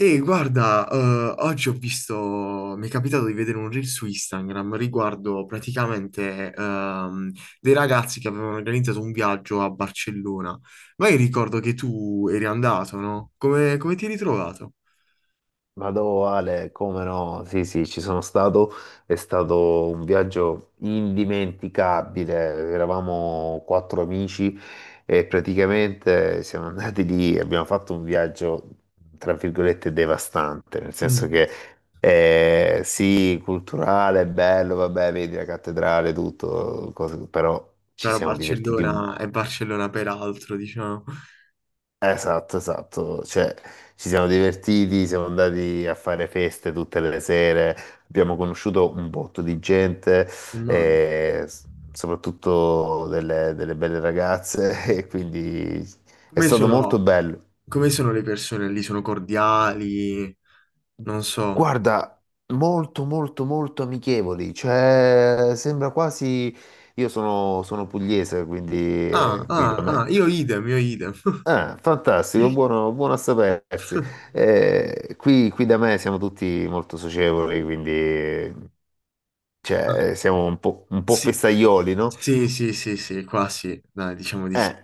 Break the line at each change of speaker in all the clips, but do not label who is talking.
E guarda, oggi ho visto, mi è capitato di vedere un reel su Instagram riguardo praticamente dei ragazzi che avevano organizzato un viaggio a Barcellona. Ma io ricordo che tu eri andato, no? Come ti eri ritrovato?
Vado Ale, come no? Sì, sì, ci sono stato, è stato un viaggio indimenticabile. Eravamo quattro amici e praticamente siamo andati lì e abbiamo fatto un viaggio, tra virgolette, devastante, nel senso
Mm.
che sì, culturale, bello, vabbè, vedi la cattedrale, tutto, però ci
Però
siamo divertiti.
Barcellona è Barcellona peraltro, diciamo.
Esatto, esatto, cioè ci siamo divertiti, siamo andati a fare feste tutte le sere, abbiamo conosciuto un botto di gente,
Ma-
eh, s- soprattutto delle belle ragazze, e quindi è
Come
stato molto
sono,
bello.
come sono le persone lì? Sono cordiali? Non so.
Guarda, molto, molto, molto amichevoli, cioè sembra quasi... Io sono pugliese, quindi
Ah,
qui da
ah,
me.
ah, io idem, io idem.
Ah, fantastico, buono, buono a sapersi. Qui da me siamo tutti molto socievoli, quindi
Ah,
siamo un po'
sì.
festaioli, no?
Sì, sì, sì, sì, qua sì, dai, diciamo di sì.
Eh,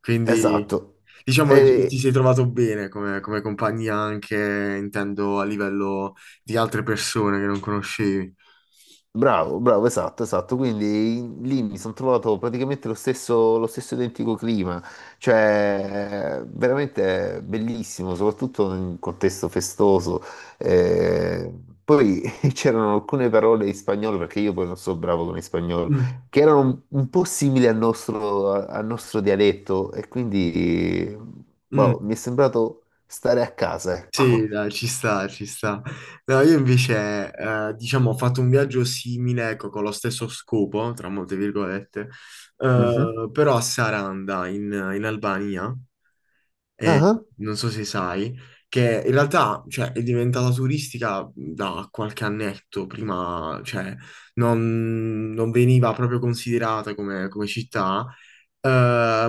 Quindi,
esatto.
diciamo, ti sei trovato bene come compagnia anche, intendo, a livello di altre persone che non conoscevi.
Bravo, bravo, esatto, esatto. Quindi lì mi sono trovato praticamente lo stesso identico clima, cioè veramente bellissimo, soprattutto in un contesto festoso. Eh, poi c'erano alcune parole in spagnolo, perché io poi non so bravo con il spagnolo,
Mm,
che erano un po' simili al nostro, al nostro dialetto e quindi boh, mi è
mm.
sembrato stare a casa,
Sì,
ecco.
dai, ci sta, ci sta. No, io invece, diciamo, ho fatto un viaggio simile, ecco, con lo stesso scopo, tra molte virgolette,
Mhm.
però a Saranda, in Albania. eh,
Ah,
Non so se sai, che in realtà, cioè, è diventata turistica da qualche annetto, prima, cioè, non veniva proprio considerata come, come città,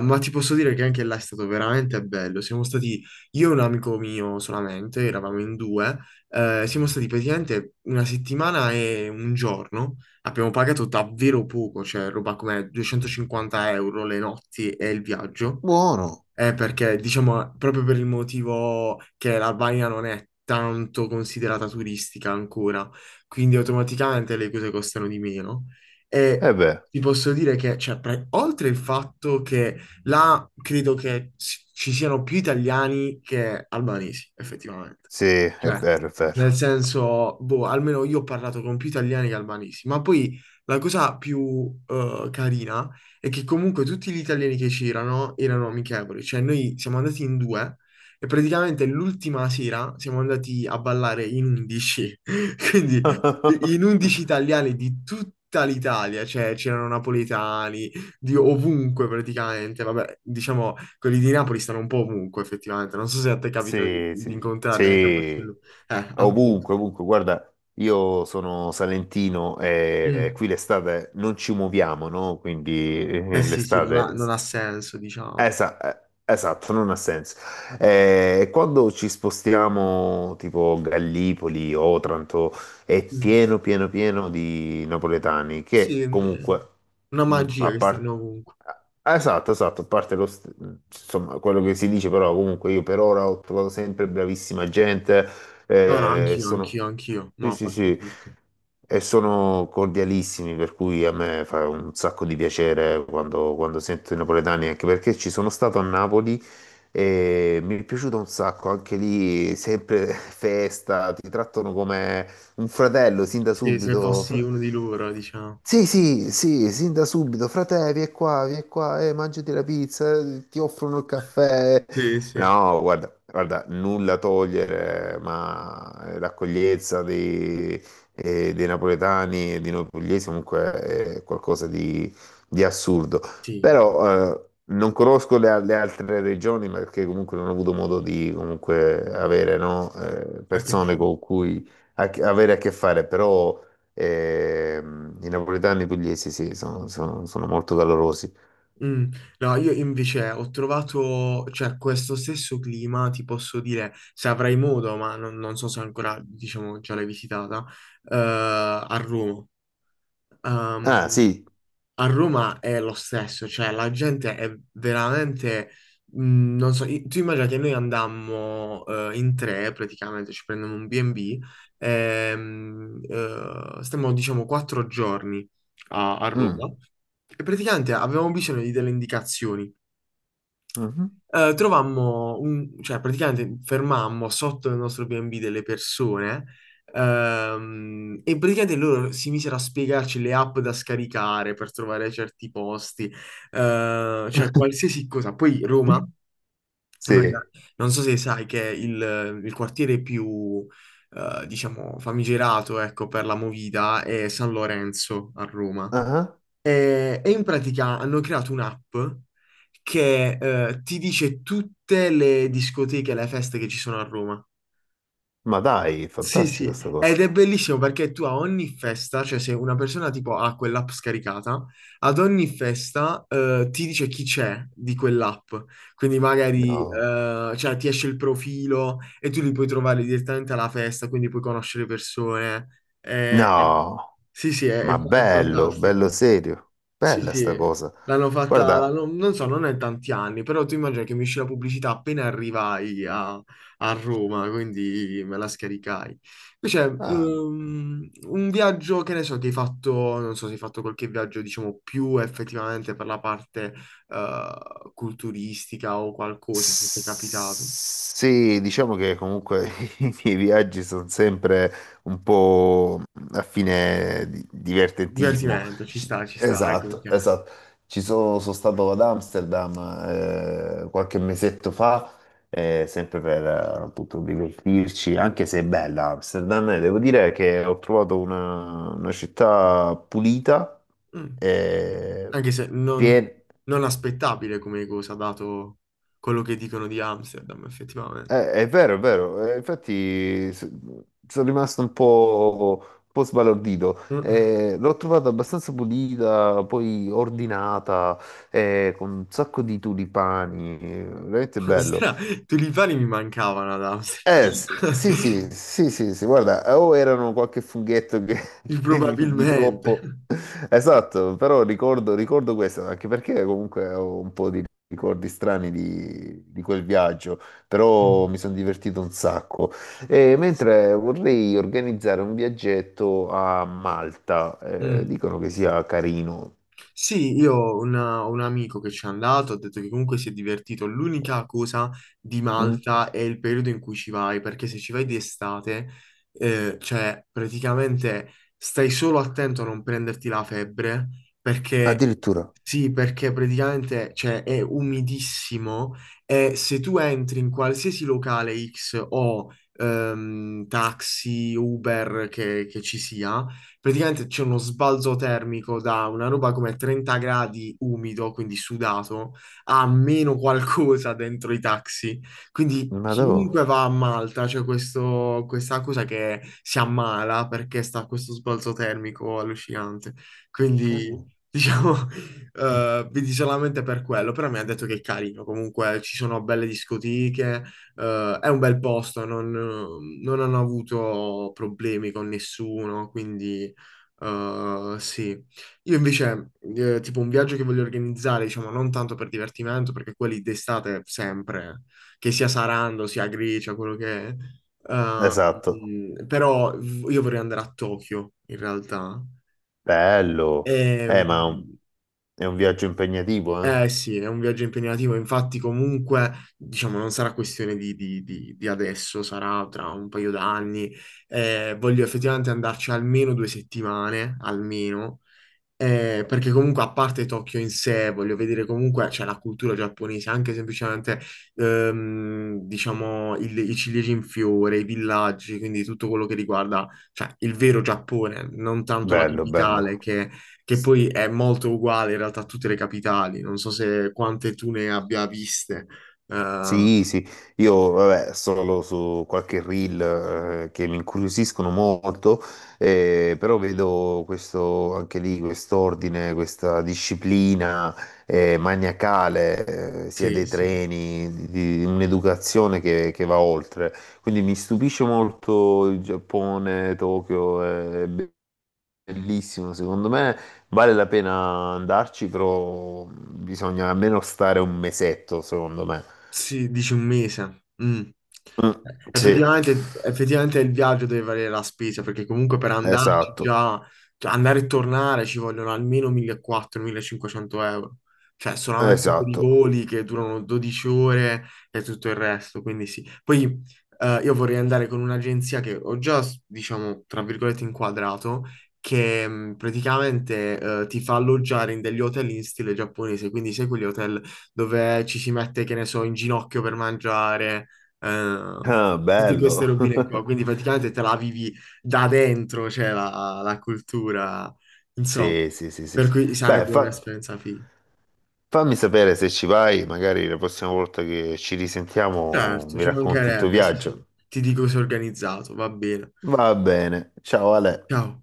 ma ti posso dire che anche là è stato veramente bello. Siamo stati, io e un amico mio solamente, eravamo in due, siamo stati praticamente una settimana e un giorno, abbiamo pagato davvero poco, cioè roba come 250 euro le notti e il viaggio.
buono.
Perché diciamo proprio per il motivo che l'Albania non è tanto considerata turistica ancora, quindi automaticamente le cose costano di meno. E
Eh beh.
ti posso dire che, cioè, oltre il fatto che là credo che ci siano più italiani che albanesi, effettivamente.
Sì, è
Cioè,
vero, è
nel
vero.
senso, boh, almeno io ho parlato con più italiani che albanesi, ma poi la cosa più carina è che comunque tutti gli italiani che c'erano erano amichevoli, cioè noi siamo andati in due e praticamente l'ultima sera siamo andati a ballare in 11, quindi in 11 italiani di tutta l'Italia, cioè c'erano napoletani di ovunque praticamente, vabbè, diciamo quelli di Napoli stanno un po' ovunque effettivamente, non so se a te capita di,
Sì,
di
sì,
incontrarli anche a
sì,
Barcellona. Appunto.
ovunque, ovunque. Guarda, io sono salentino e
Mm.
qui l'estate non ci muoviamo, no? Quindi
Eh sì, sì, non
l'estate...
ha, non ha senso, diciamo.
Esatto, non ha senso. Quando ci spostiamo tipo Gallipoli, Otranto, è
Mm.
pieno, pieno, pieno di napoletani
Sì,
che comunque,
una
a
magia che stanno
parte...
ovunque.
Esatto, esatto, a parte quello che si dice, però comunque io per ora ho trovato sempre bravissima gente,
No, no, anch'io,
sono...
anch'io, anch'io, ma
Sì,
a
sì,
parte
sì.
tutto.
E sono cordialissimi, per cui a me fa un sacco di piacere quando sento i napoletani, anche perché ci sono stato a Napoli e mi è piaciuto un sacco, anche lì sempre festa, ti trattano come un fratello sin da
Sì, se
subito.
fossi uno di loro, diciamo.
Sì, sì, sì, sin da subito, frate, vieni qua, mangiati la pizza, ti offrono il caffè.
Sì, sì.
No, guarda, guarda, nulla a togliere, ma l'accoglienza dei napoletani e di noi pugliesi comunque è qualcosa di assurdo.
Sì,
Però non conosco le altre regioni perché comunque non ho avuto modo di comunque avere no,
a che
persone
fine.
con cui avere a che fare, però... E, i napoletani pugliesi, sì, sono molto calorosi.
Mm. No, io invece ho trovato, cioè, questo stesso clima, ti posso dire, se avrai modo, ma non so se ancora, diciamo, già l'hai visitata, a Roma.
Ah,
Ehm,
sì.
A Roma è lo stesso, cioè la gente è veramente, non so, tu immagina che noi andammo in tre praticamente, ci prendiamo un B&B, stiamo diciamo 4 giorni a,
Mm.
Roma e praticamente avevamo bisogno di delle indicazioni,
Mhm.
trovammo, cioè praticamente fermammo sotto il nostro B&B delle persone e praticamente loro si misero a spiegarci le app da scaricare per trovare certi posti, cioè qualsiasi cosa. Poi Roma, immagina-
Sì.
non so se sai che è il quartiere più, diciamo, famigerato, ecco, per la movida è San Lorenzo a Roma.
Ah,
E in pratica hanno creato un'app che ti dice tutte le discoteche, le feste che ci sono a Roma.
ma dai,
Sì, sì,
fantastico sta
ed
cosa.
è bellissimo perché tu a ogni festa, cioè se una persona tipo ha quell'app scaricata, ad ogni festa ti dice chi c'è di quell'app. Quindi magari
No.
cioè, ti esce il profilo e tu li puoi trovare direttamente alla festa, quindi puoi conoscere persone. Eh,
No,
sì, sì, è,
ma
è fa- è
bello,
fantastico.
bello serio.
Sì,
Bella sta
sì,
cosa.
l'hanno fatta,
Guarda,
non so, non è tanti anni, però tu immagina che mi uscì la pubblicità appena arrivai a Roma, quindi me la scaricai. Invece,
ah,
un viaggio, che ne so, che hai fatto, non so se hai fatto qualche viaggio, diciamo, più effettivamente per la parte, culturistica o qualcosa, se ti è capitato.
sì, diciamo che comunque i miei viaggi sono sempre un po' a divertentismo.
Divertimento, ci sta, ecco
Esatto,
perché.
esatto. Ci sono, sono stato ad Amsterdam qualche mesetto fa, sempre per appunto divertirci, anche se è bella Amsterdam, e devo dire che ho trovato una città pulita,
Mm.
e
Anche se non,
piena.
non aspettabile come cosa, dato quello che dicono di Amsterdam, effettivamente.
È vero, eh, sono rimasto un po' sbalordito.
Eh,
L'ho trovata abbastanza pulita, poi ordinata, con un sacco di tulipani, veramente bello.
Stra- Tulipani mi mancavano ad
Sì, sì,
Amsterdam.
sì, sì, sì, guarda, o erano qualche funghetto di
Probabilmente.
troppo, esatto, però ricordo, ricordo questo, anche perché comunque ho un po' di ricordi strani di quel viaggio, però
Mm.
mi sono divertito un sacco. E mentre vorrei organizzare un viaggetto a Malta,
Mm.
dicono che sia carino.
Sì, io ho un amico che ci è andato, ha detto che comunque si è divertito. L'unica cosa di
Mm?
Malta è il periodo in cui ci vai, perché se ci vai di estate, cioè praticamente stai solo attento a non prenderti la febbre, perché
Addirittura,
sì, perché praticamente cioè, è umidissimo e se tu entri in qualsiasi locale X o taxi, Uber che ci sia, praticamente c'è uno sbalzo termico da una roba come 30 gradi umido, quindi sudato, a meno qualcosa dentro i taxi. Quindi
ma dove?
chiunque va a Malta c'è questa cosa che si ammala perché sta a questo sbalzo termico allucinante. Quindi
Mm.
diciamo, vedi solamente per quello, però mi ha detto che è carino, comunque ci sono belle discoteche, è un bel posto, non, non hanno avuto problemi con nessuno, quindi. Sì, io invece, tipo un viaggio che voglio organizzare, diciamo, non tanto per divertimento, perché quelli d'estate sempre, che sia Sarando, sia Grecia, quello che è. Mm.
Esatto,
Però io vorrei andare a Tokyo, in realtà.
bello.
E,
Ma è un viaggio impegnativo, eh?
eh sì, è un viaggio impegnativo, infatti comunque, diciamo, non sarà questione di, di adesso, sarà tra un paio d'anni. Voglio effettivamente andarci almeno 2 settimane, almeno. Perché comunque a parte Tokyo in sé, voglio vedere comunque, c'è la cultura giapponese, anche semplicemente, diciamo, i ciliegi in fiore, i villaggi, quindi tutto quello che riguarda, cioè, il vero Giappone, non tanto la
Bello, bello.
capitale, che,
S-
poi è molto uguale in realtà a tutte le capitali, non so se quante tu ne abbia viste. Eh,
Sì, sì, io vabbè, solo su qualche reel che mi incuriosiscono molto, però vedo questo, anche lì quest'ordine, questa disciplina maniacale, sia
sì,
dei
sì.
treni, di un'educazione che va oltre. Quindi mi stupisce molto il Giappone, Tokyo, eh, bellissimo, secondo me vale la pena andarci, però bisogna almeno stare un mesetto, secondo me.
Sì, dici un mese. Mm.
Mm, sì,
Effettivamente, effettivamente il viaggio deve valere la spesa perché comunque per andarci
esatto,
già, cioè andare e tornare ci vogliono almeno 1400-1500 euro, cioè solamente per i
esatto.
voli che durano 12 ore e tutto il resto, quindi sì. Poi io vorrei andare con un'agenzia che ho già, diciamo, tra virgolette inquadrato, che praticamente ti fa alloggiare in degli hotel in stile giapponese, quindi sai quegli hotel dove ci si mette, che ne so, in ginocchio per mangiare, eh,
Ah,
tutte queste
bello.
robine qua. Quindi praticamente te la vivi da dentro, cioè la, cultura, insomma,
Sì, sì, sì, sì,
per
sì.
cui
Beh,
sarebbe un'esperienza figa.
fammi sapere se ci vai, magari la prossima volta che ci risentiamo
Certo,
mi
ci
racconti il tuo
mancherebbe, sì, sì.
viaggio.
Ti dico se è organizzato, va bene.
Va bene, ciao Ale.
Ciao.